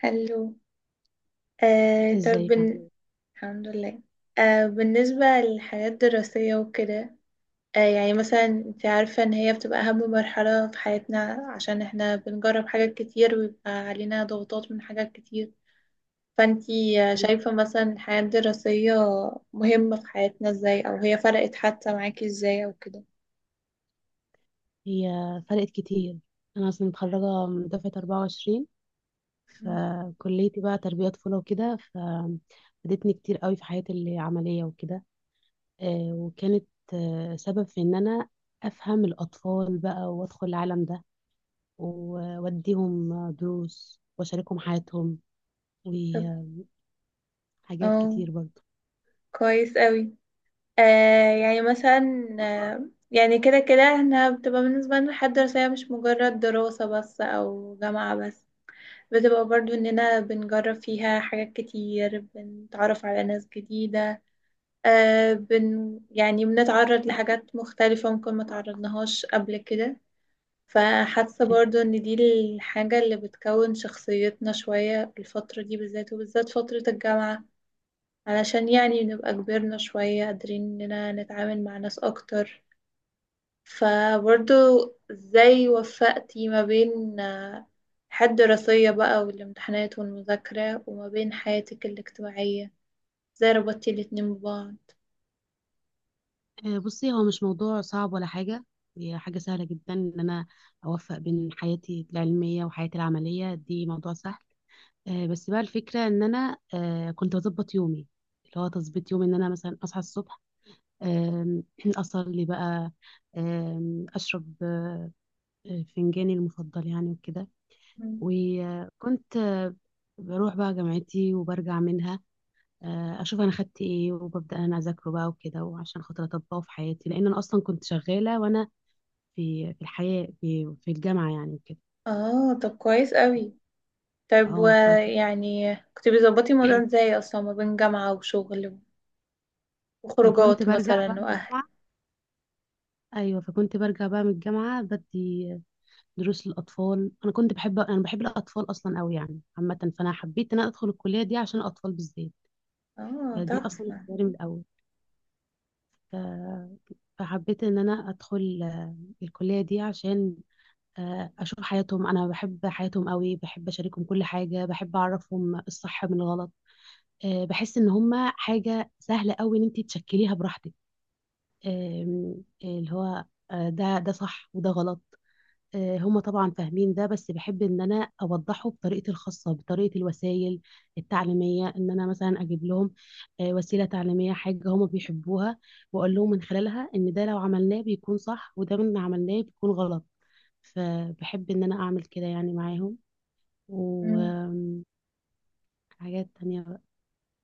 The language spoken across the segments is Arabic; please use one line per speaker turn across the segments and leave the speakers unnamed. حلو. طب
ازيك عاملة ايه؟
الحمد لله. بالنسبة للحياة الدراسية وكده، يعني مثلا انت عارفة ان هي بتبقى اهم مرحلة في حياتنا، عشان احنا بنجرب حاجات كتير ويبقى علينا ضغوطات من حاجات كتير. فانتي
طيب،
شايفة مثلا الحياة الدراسية مهمة في حياتنا ازاي، او هي فرقت حتى معاكي ازاي او كده؟
هي فرقت كتير. انا اصلا متخرجة من دفعة 24.
مم.
فكليتي بقى تربية طفولة وكده ففادتني كتير قوي في حياتي العملية وكده. وكانت سبب في ان انا افهم الاطفال بقى وادخل العالم ده واديهم دروس واشاركهم حياتهم
طب
وحاجات
اه،
كتير برضه.
كويس قوي. آه يعني مثلا آه يعني كده كده احنا بتبقى بالنسبة لنا الحياة الدراسية مش مجرد دراسة بس أو جامعة بس، بتبقى برضو إننا بنجرب فيها حاجات كتير، بنتعرف على ناس جديدة. آه بن يعني بنتعرض لحاجات مختلفة ممكن ما تعرضناهاش قبل كده. فحاسة برضو إن دي الحاجة اللي بتكون شخصيتنا شوية، الفترة دي بالذات، وبالذات فترة الجامعة، علشان يعني نبقى كبرنا شوية قادرين إننا نتعامل مع ناس أكتر. فبرضو، ازاي وفقتي ما بين الحياة الدراسية بقى والامتحانات والمذاكرة وما بين حياتك الاجتماعية؟ ازاي ربطتي الاتنين ببعض؟
بصي هو مش موضوع صعب ولا حاجة. هي حاجة سهلة جدا إن أنا أوفق بين حياتي العلمية وحياتي العملية، دي موضوع سهل. بس بقى الفكرة إن أنا كنت بظبط يومي، اللي هو تظبيط يومي، إن أنا مثلا أصحى الصبح. آم، أصلي بقى. أشرب فنجاني المفضل يعني وكده.
مم.
وكنت بروح بقى جامعتي وبرجع منها. اشوف انا خدت ايه وببدا انا اذاكره بقى وكده، وعشان خاطر اطبقه في حياتي لان انا اصلا كنت شغاله وانا في الحياه في الجامعه يعني وكده.
اه طب كويس قوي. طيب
اه
ويعني كنت بتظبطي الموضوع ازاي اصلا ما بين جامعة وشغل
فكنت
وخروجات
برجع بقى
مثلا
من
واهل؟
الجامعه. ايوه فكنت برجع بقى من الجامعه بدي دروس للاطفال. انا بحب الاطفال اصلا قوي يعني عامه. فانا حبيت ان انا ادخل الكليه دي عشان الاطفال بالذات.
اه
فدي اصلا
تحفة.
اختياري من الاول. ف... فحبيت ان انا ادخل الكليه دي عشان اشوف حياتهم. انا بحب حياتهم قوي، بحب اشاركهم كل حاجه، بحب اعرفهم الصح من الغلط. بحس ان هما حاجه سهله قوي ان انت تشكليها براحتك. آم، اللي هو ده صح وده غلط. هما طبعا فاهمين ده، بس بحب ان انا اوضحه بطريقتي الخاصه، بطريقه الوسائل التعليميه، ان انا مثلا اجيب لهم وسيله تعليميه، حاجه هما بيحبوها، واقول لهم من خلالها ان ده لو عملناه بيكون صح وده من عملناه بيكون غلط. فبحب ان انا اعمل كده يعني معاهم
مم.
وحاجات تانية بقى.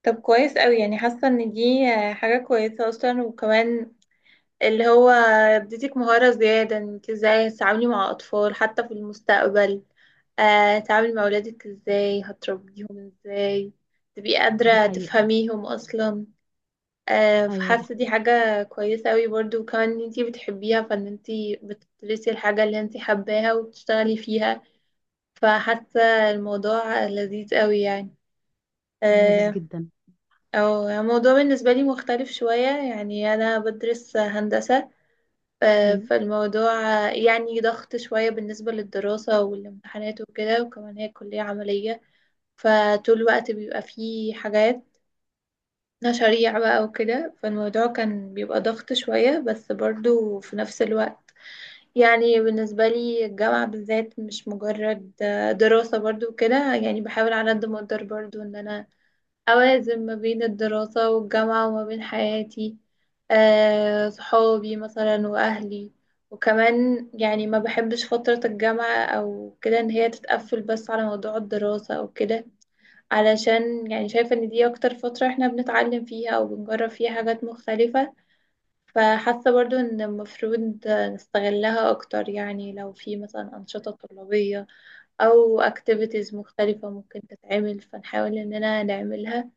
طب كويس قوي. يعني حاسة ان دي حاجة كويسة اصلا، وكمان اللي هو اديتك مهارة زيادة انك ازاي تتعاملي مع أطفال حتى في المستقبل. تتعاملي مع أولادك ازاي، هتربيهم ازاي، تبقي
دي
قادرة
حقيقة.
تفهميهم أصلا.
ايوه دي
فحاسة دي
حقيقة.
حاجة كويسة أوي برضو، وكمان ان انتي بتحبيها، فان انتي بتدرسي الحاجة اللي انتي حباها وبتشتغلي فيها. فحاسة الموضوع لذيذ أوي يعني.
يا لذيذ
آه،
جدا.
أو الموضوع بالنسبة لي مختلف شوية، يعني أنا بدرس هندسة. آه،
مم.
فالموضوع آه، يعني ضغط شوية بالنسبة للدراسة والامتحانات وكده، وكمان هي كلية عملية، فطول الوقت بيبقى فيه حاجات مشاريع بقى وكده. فالموضوع كان بيبقى ضغط شوية، بس برضو في نفس الوقت يعني بالنسبة لي الجامعة بالذات مش مجرد دراسة. برضو كده يعني بحاول على قد ما اقدر برضو ان انا أوازن ما بين الدراسة والجامعة وما بين حياتي، صحابي مثلا وأهلي. وكمان يعني ما بحبش فترة الجامعة أو كده إن هي تتقفل بس على موضوع الدراسة أو كده، علشان يعني شايفة إن دي أكتر فترة إحنا بنتعلم فيها أو بنجرب فيها حاجات مختلفة. فحاسة برضو إن المفروض نستغلها أكتر، يعني لو في مثلا أنشطة طلابية أو activities مختلفة ممكن تتعمل فنحاول إننا نعملها،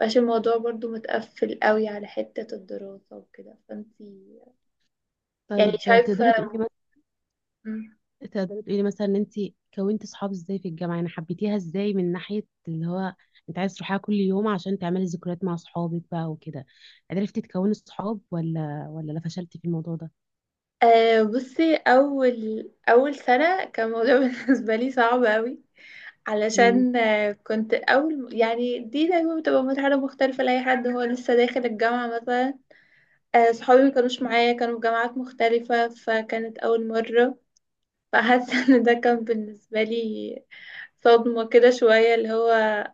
مبقاش الموضوع برضو متقفل قوي على حتة الدراسة وكده. فانتي يعني
طيب،
شايفة؟
تقدري تقولي مثلا،
مم.
تقدري تقولي مثلا ان انت كونتي صحاب ازاي في الجامعة؟ يعني حبيتيها ازاي من ناحية اللي هو انت عايز تروحيها كل يوم عشان تعملي ذكريات مع صحابك بقى وكده؟ عرفتي تكوني صحاب ولا لا فشلتي في الموضوع ده؟
بصي، أول أول سنة كان الموضوع بالنسبة لي صعب قوي،
مم.
علشان كنت أول، يعني دي دايما بتبقى مرحلة مختلفة لأي حد هو لسه داخل الجامعة مثلا. صحابي ما كانوش معايا، كانوا في جامعات مختلفة، فكانت أول مرة. فحاسة ان ده كان بالنسبة لي صدمة كده شوية، اللي هو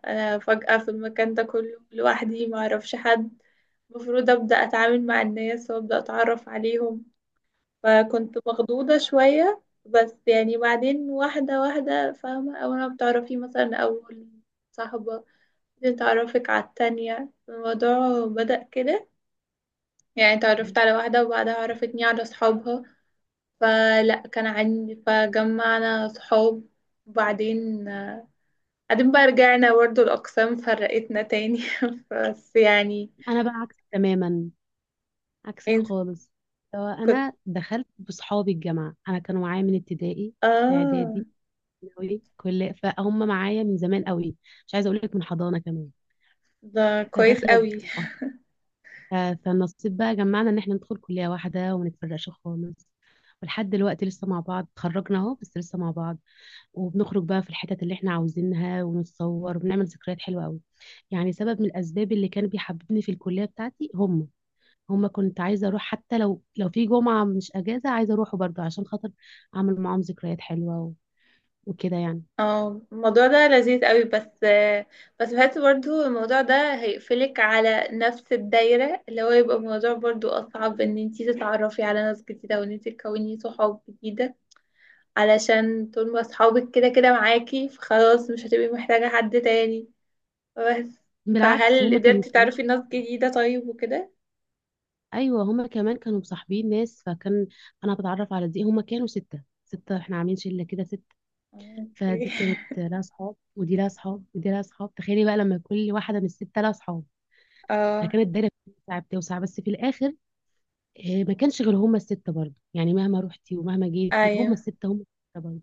انا فجأة في المكان ده كله لوحدي، ما اعرفش حد، المفروض ابدأ اتعامل مع الناس وابدأ اتعرف عليهم. فكنت مخضوضة شوية. بس يعني بعدين واحدة واحدة فاهمة، اول ما بتعرفي مثلا اول صاحبة، بعدين تعرفك على التانية، الموضوع بدأ كده. يعني تعرفت على واحدة وبعدها عرفتني على صحابها، فلا كان عندي فجمعنا صحاب. وبعدين آه، بعدين بقى رجعنا برضه الأقسام فرقتنا تاني بس يعني
انا بقى عكسك تماما، عكسك
انت
خالص. هو
كنت
انا دخلت بصحابي الجامعه، انا كانوا معايا من ابتدائي،
اه.
اعدادي، ثانوي، كل فهم معايا من زمان قوي. مش عايزه اقول لك من حضانه كمان.
ده كويس
فداخله
قوي.
بيهم. أه. ف- فالنصيب بقى جمعنا ان احنا ندخل كليه واحده وما نتفرقش خالص. ولحد دلوقتي لسه مع بعض، اتخرجنا اهو بس لسه مع بعض. وبنخرج بقى في الحتت اللي احنا عاوزينها ونتصور وبنعمل ذكريات حلوه قوي. يعني سبب من الاسباب اللي كان بيحببني في الكليه بتاعتي هما، كنت عايزة أروح حتى لو في جمعة مش أجازة، عايزة أروحه برضه عشان خاطر أعمل معاهم ذكريات حلوة وكده يعني.
اه، الموضوع ده لذيذ قوي، بس بس بحس برضه الموضوع ده هيقفلك على نفس الدايرة، اللي هو يبقى الموضوع برضه أصعب ان انتي تتعرفي على ناس جديدة وان انتي تكوني صحاب جديدة، علشان طول ما صحابك كده كده معاكي فخلاص مش هتبقي محتاجة حد تاني. بس
بالعكس
فهل
هما كانوا
قدرتي
كمان-
تعرفي ناس جديدة طيب وكده؟
أيوة، هما كمان كانوا مصاحبين ناس، فكان أنا بتعرف على دي. هما كانوا ستة ستة، إحنا عاملين شلة كده ستة.
اوكي
فدي كانت لها صحاب ودي لها صحاب ودي لها صحاب، تخيلي بقى لما كل واحدة من الستة لها صحاب.
اه
فكانت الدايرة بتوسع بتوسع، بس في الآخر ما كانش غير هما الستة برضه. يعني مهما روحتي ومهما جيتي هما
ايوه
الستة، هما الستة برضه.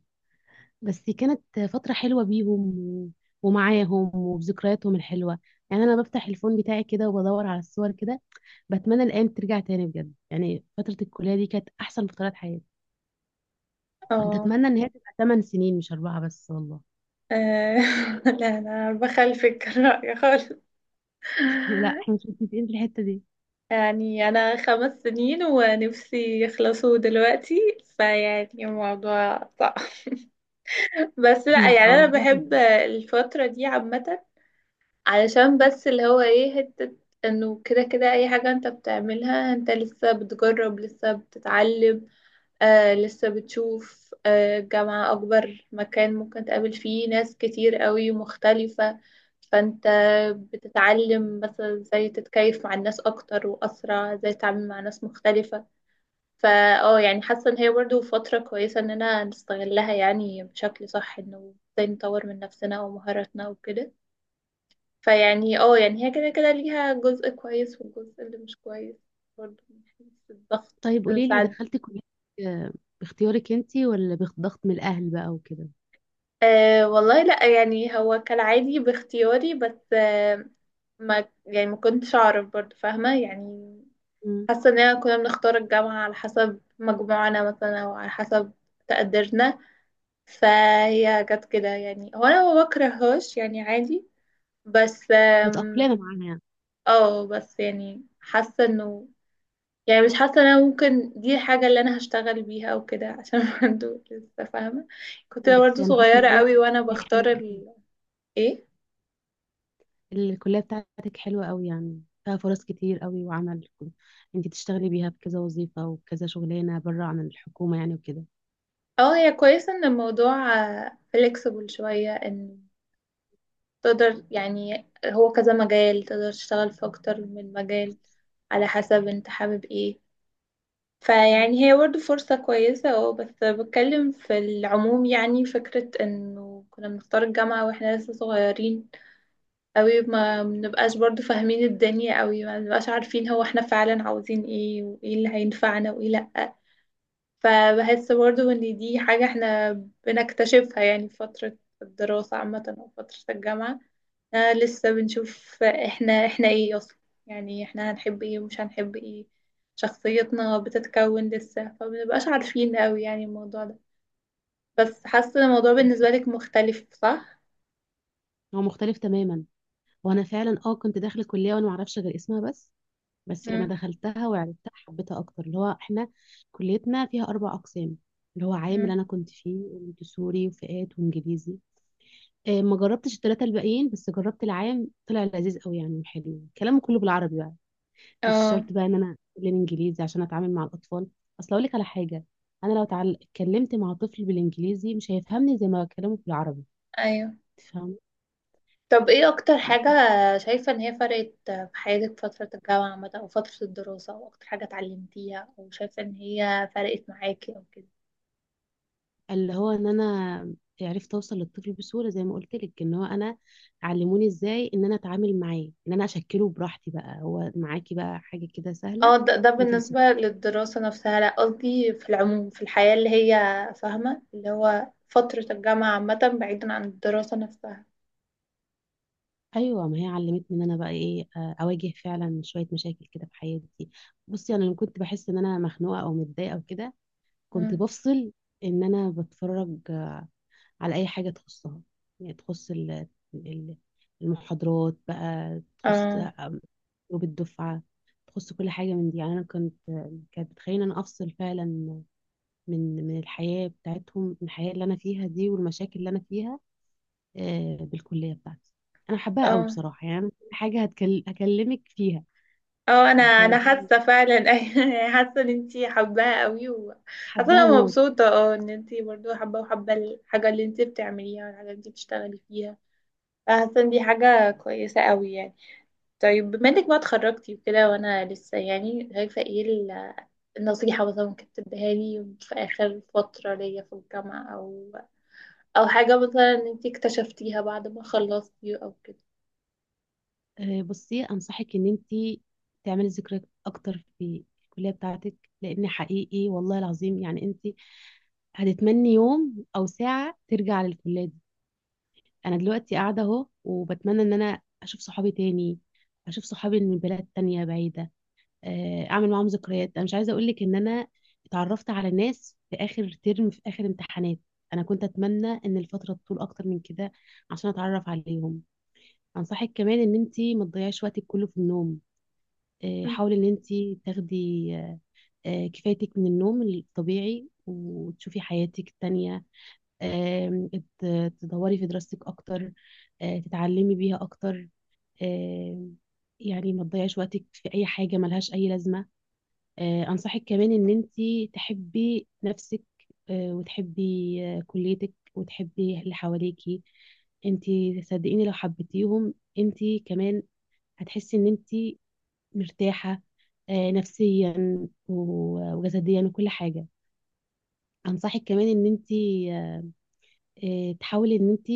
بس كانت فترة حلوة بيهم ومعاهم وبذكرياتهم الحلوة. يعني أنا بفتح الفون بتاعي كده وبدور على الصور كده، بتمنى الأيام ترجع تاني بجد. يعني فترة الكلية دي كانت أحسن فترات حياتي، كنت
اه.
أتمنى إن هي تبقى 8 سنين مش أربعة بس والله.
آه، لا انا بخلفك الرأي خالص.
لا احنا مش متفقين في الحتة دي.
يعني انا 5 سنين ونفسي يخلصوا دلوقتي، فيعني الموضوع صعب بس لا
لا
يعني
هو
انا
موضوع
بحب
حلو.
الفترة دي عامة، علشان بس اللي هو ايه حتة انه كده كده اي حاجة انت بتعملها انت لسه بتجرب لسه بتتعلم. لسه بتشوف، جامعة أكبر مكان ممكن تقابل فيه ناس كتير قوي مختلفة. فأنت بتتعلم مثلا ازاي تتكيف مع الناس أكتر وأسرع، ازاي تتعامل مع ناس مختلفة. فا اه يعني حاسة إن هي برضه فترة كويسة إننا نستغلها يعني بشكل صح، إنه ازاي نطور من نفسنا ومهاراتنا وكده. فيعني اه يعني هي كده كده ليها جزء كويس والجزء اللي مش كويس برضه من حيث الضغط
طيب قولي لي،
ساعات.
دخلتي كلية آه، باختيارك انتي ولا بضغط من الأهل بقى وكده؟
أه والله لا، يعني هو كالعادي باختياري. بس ما يعني ما كنتش اعرف برضو، فاهمة يعني؟
مم.
حاسة اننا كنا بنختار الجامعة على حسب مجموعنا مثلا او على حسب تقديرنا. فهي جت كده يعني، هو انا ما بكرههاش يعني عادي. بس
متأقلمة معاها
اه بس يعني حاسة انه يعني مش حاسة ان انا ممكن دي الحاجة اللي انا هشتغل بيها او كده، عشان برضو لسه فاهمة كنت
يعني. بس
برضو
أنا حاسة
صغيرة
إن
قوي وانا
هي
بختار
حلوة،
ال... ايه؟
الكلية بتاعتك حلوة قوي، يعني فيها فرص كتير قوي، وعمل انت تشتغلي بيها في كذا وظيفة وكذا شغلانة بره عن الحكومة يعني وكده.
اه هي كويسة ان الموضوع فليكسبل شوية، ان تقدر، يعني هو كذا مجال، تقدر تشتغل في اكتر من مجال على حسب انت حابب ايه.
مم.
فيعني هي برضه فرصة كويسة. اه بس بتكلم في العموم، يعني فكرة انه كنا بنختار الجامعة واحنا لسه صغيرين اوي، ما بنبقاش برضه فاهمين الدنيا اوي، ما بنبقاش عارفين هو احنا فعلا عاوزين ايه وايه اللي هينفعنا وايه لأ. فبحس برضو ان دي حاجة احنا بنكتشفها يعني في فترة الدراسة عامة او فترة الجامعة. لسه بنشوف احنا ايه اصلا، يعني احنا هنحب ايه ومش هنحب ايه، شخصيتنا بتتكون لسه، فمنبقاش عارفين قوي يعني الموضوع ده. بس حاسة الموضوع
عندك حق.
بالنسبة لك مختلف، صح؟
هو مختلف تماما. وانا فعلا اه كنت داخل الكلية وانا معرفش غير اسمها بس. بس لما
مم.
دخلتها وعرفتها حبيتها اكتر. اللي هو احنا كليتنا فيها اربع اقسام، اللي هو عام، اللي
مم.
انا كنت فيه، وسوري، وفئات، وانجليزي. ما جربتش الثلاثة الباقيين بس جربت العام، طلع لذيذ قوي يعني وحلو، كلامه كله بالعربي بقى، مش
اه
شرط بقى ان انا اتكلم انجليزي عشان اتعامل مع الاطفال. اصل اقول لك على حاجه، انا لو اتكلمت مع طفل بالانجليزي مش هيفهمني زي ما بكلمه بالعربي،
ايوه.
فاهم.
طب ايه اكتر حاجة شايفة ان هي فرقت في حياتك فترة الجامعة عامة او فترة الدراسة، او اكتر حاجة اتعلمتيها او شايفة ان هي فرقت معاكي او كده؟
اللي هو ان انا عرفت اوصل للطفل بسهوله زي ما قلت لك، ان هو انا علموني ازاي ان انا اتعامل معاه، ان انا اشكله براحتي بقى، هو معاكي بقى حاجه كده سهله.
اه ده
انت بتسيب.
بالنسبة للدراسة نفسها لا، قصدي في العموم في الحياة اللي هي فاهمة اللي هو فترة الجامعة عامة بعيدا عن الدراسة نفسها.
ايوه، ما هي علمتني ان انا بقى ايه، اواجه فعلا شويه مشاكل كده في حياتي. بصي انا لما كنت بحس ان انا مخنوقه او متضايقه او كده كنت
مم.
بفصل، ان انا بتفرج على اي حاجه تخصها، يعني تخص ال- المحاضرات بقى، تخص
اه
جروب الدفعه، تخص كل حاجه من دي. يعني انا كنت، كانت بتخليني إن انا افصل فعلا من الحياه بتاعتهم، من الحياه اللي انا فيها دي والمشاكل اللي انا فيها بالكليه بتاعتي. انا حباها قوي
اه
بصراحه، يعني أنا كل حاجه هكلمك فيها.
اه انا
فدي
حاسه فعلا أيوة، يعني حاسه ان انتي حباها قوي. و حاسه
حباها
انا
موت.
مبسوطه اه ان انتي برضو حابه، وحابه الحاجه اللي انتي بتعمليها والحاجه اللي انتي بتشتغلي فيها. فحاسه ان دي حاجه كويسه قوي يعني. طيب بما انك ما اتخرجتي وكده وانا لسه، يعني شايفه ايه النصيحه مثلا ممكن تديها لي في اخر فتره ليا في الجامعه، او او حاجه مثلا انتي اكتشفتيها بعد ما خلصتي او
بصي، انصحك ان انت تعملي ذكريات اكتر في الكليه بتاعتك، لان حقيقي والله العظيم يعني انت هتتمني يوم او ساعه ترجع للكليه دي. انا دلوقتي قاعده اهو وبتمنى ان انا اشوف صحابي تاني، اشوف صحابي من بلاد تانية بعيده، اعمل معاهم ذكريات. انا مش عايزه اقول لك ان انا اتعرفت على ناس في اخر ترم، في اخر امتحانات، انا كنت اتمنى ان الفتره تطول اكتر من كده عشان اتعرف عليهم. انصحك كمان ان انت ما تضيعيش وقتك كله في النوم.
كده؟
حاولي ان انت تاخدي كفايتك من النوم الطبيعي وتشوفي حياتك التانية. آم، تدوري في دراستك اكتر، تتعلمي بيها اكتر. آم، يعني ما تضيعيش وقتك في اي حاجة ملهاش اي لازمة. انصحك كمان ان انت تحبي نفسك، وتحبي كليتك، وتحبي اللي حواليكي انت. صدقيني لو حبيتيهم انت كمان هتحسي ان انت مرتاحة نفسيا وجسديا وكل حاجة. أنصحك كمان إن أنت آه، تحاولي إن أنت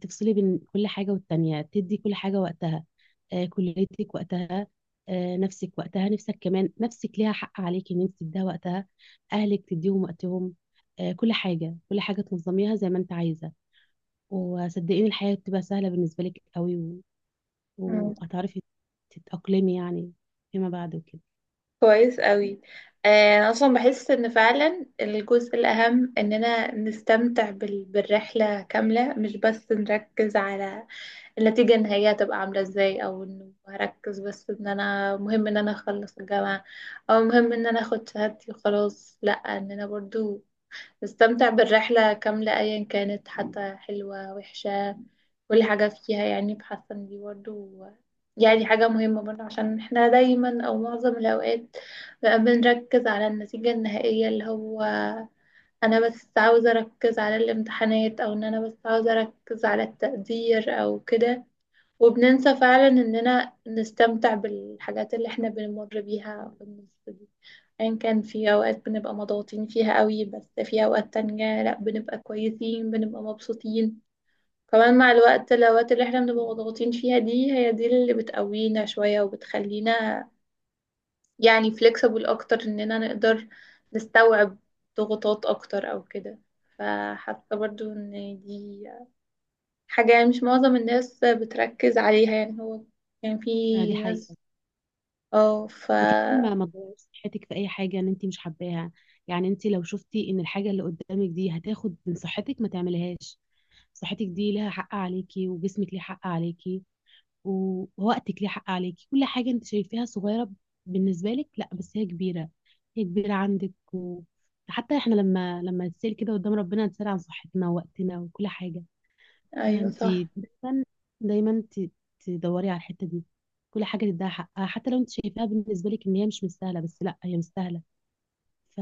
تفصلي بين كل حاجة والتانية، تدي كل حاجة وقتها، كليتك وقتها، نفسك وقتها. نفسك كمان، نفسك ليها حق عليك إن أنت تديها وقتها. أهلك تديهم وقتهم. كل حاجة، كل حاجة تنظميها زي ما أنت عايزة. وصدقيني الحياة بتبقى سهلة بالنسبة لك قوي وهتعرفي تتأقلمي يعني فيما بعد وكده.
كويس قوي. انا اصلا بحس ان فعلا الجزء الاهم اننا نستمتع بالرحله كامله، مش بس نركز على النتيجه النهائيه هتبقى عامله ازاي، او انه هركز بس ان انا مهم ان انا اخلص الجامعه او مهم ان انا اخد شهادتي وخلاص. لا، اننا برضو نستمتع بالرحلة كاملة أيا كانت، حتى حلوة وحشة كل حاجة فيها. يعني بحاسة إن دي برضه يعني حاجة مهمة برضه، عشان احنا دايما أو معظم الأوقات بقى بنركز على النتيجة النهائية، اللي هو أنا بس عاوزة أركز على الامتحانات أو إن أنا بس عاوزة أركز على التقدير أو كده، وبننسى فعلا اننا نستمتع بالحاجات اللي احنا بنمر بيها في النص دي. ان كان في اوقات بنبقى مضغوطين فيها قوي، بس في اوقات تانية لا بنبقى كويسين بنبقى مبسوطين. كمان مع الوقت الاوقات اللي احنا بنبقى مضغوطين فيها دي هي دي اللي بتقوينا شوية وبتخلينا يعني flexible اكتر اننا نقدر نستوعب ضغوطات اكتر او كده. فحاسة برضو ان دي حاجة يعني مش معظم الناس بتركز عليها، يعني هو يعني
دي
في
حقيقة.
ناس. اه ف
وكمان ما تضيعيش صحتك في اي حاجه ان انت مش حباها. يعني انت لو شفتي ان الحاجه اللي قدامك دي هتاخد من صحتك ما تعملهاش. صحتك دي لها حق عليكي، وجسمك ليه حق عليكي ووقتك ليه حق عليكي. كل حاجه انت شايفاها صغيره بالنسبه لك، لا بس هي كبيره، هي كبيره عندك و... حتى احنا لما نتسال كده قدام ربنا نتسال عن صحتنا ووقتنا وكل حاجه.
ايوه صح.
انتي دايما دايما تدوري على الحته دي. كل حاجه تديها حقها، حتى لو انت شايفاها بالنسبه لك ان هي مش مستاهله، بس لا هي مستاهله. ف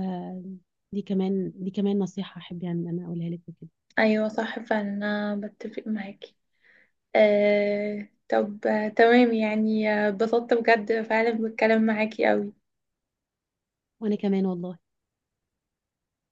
دي كمان، دي كمان نصيحه احب يعني ان انا اقولها لك وكده.
ايوه صح فعلا انا بتفق معاكي. طب تمام يعني، اتبسطت بجد فعلا بالكلام معاكي قوي.
وانا كمان والله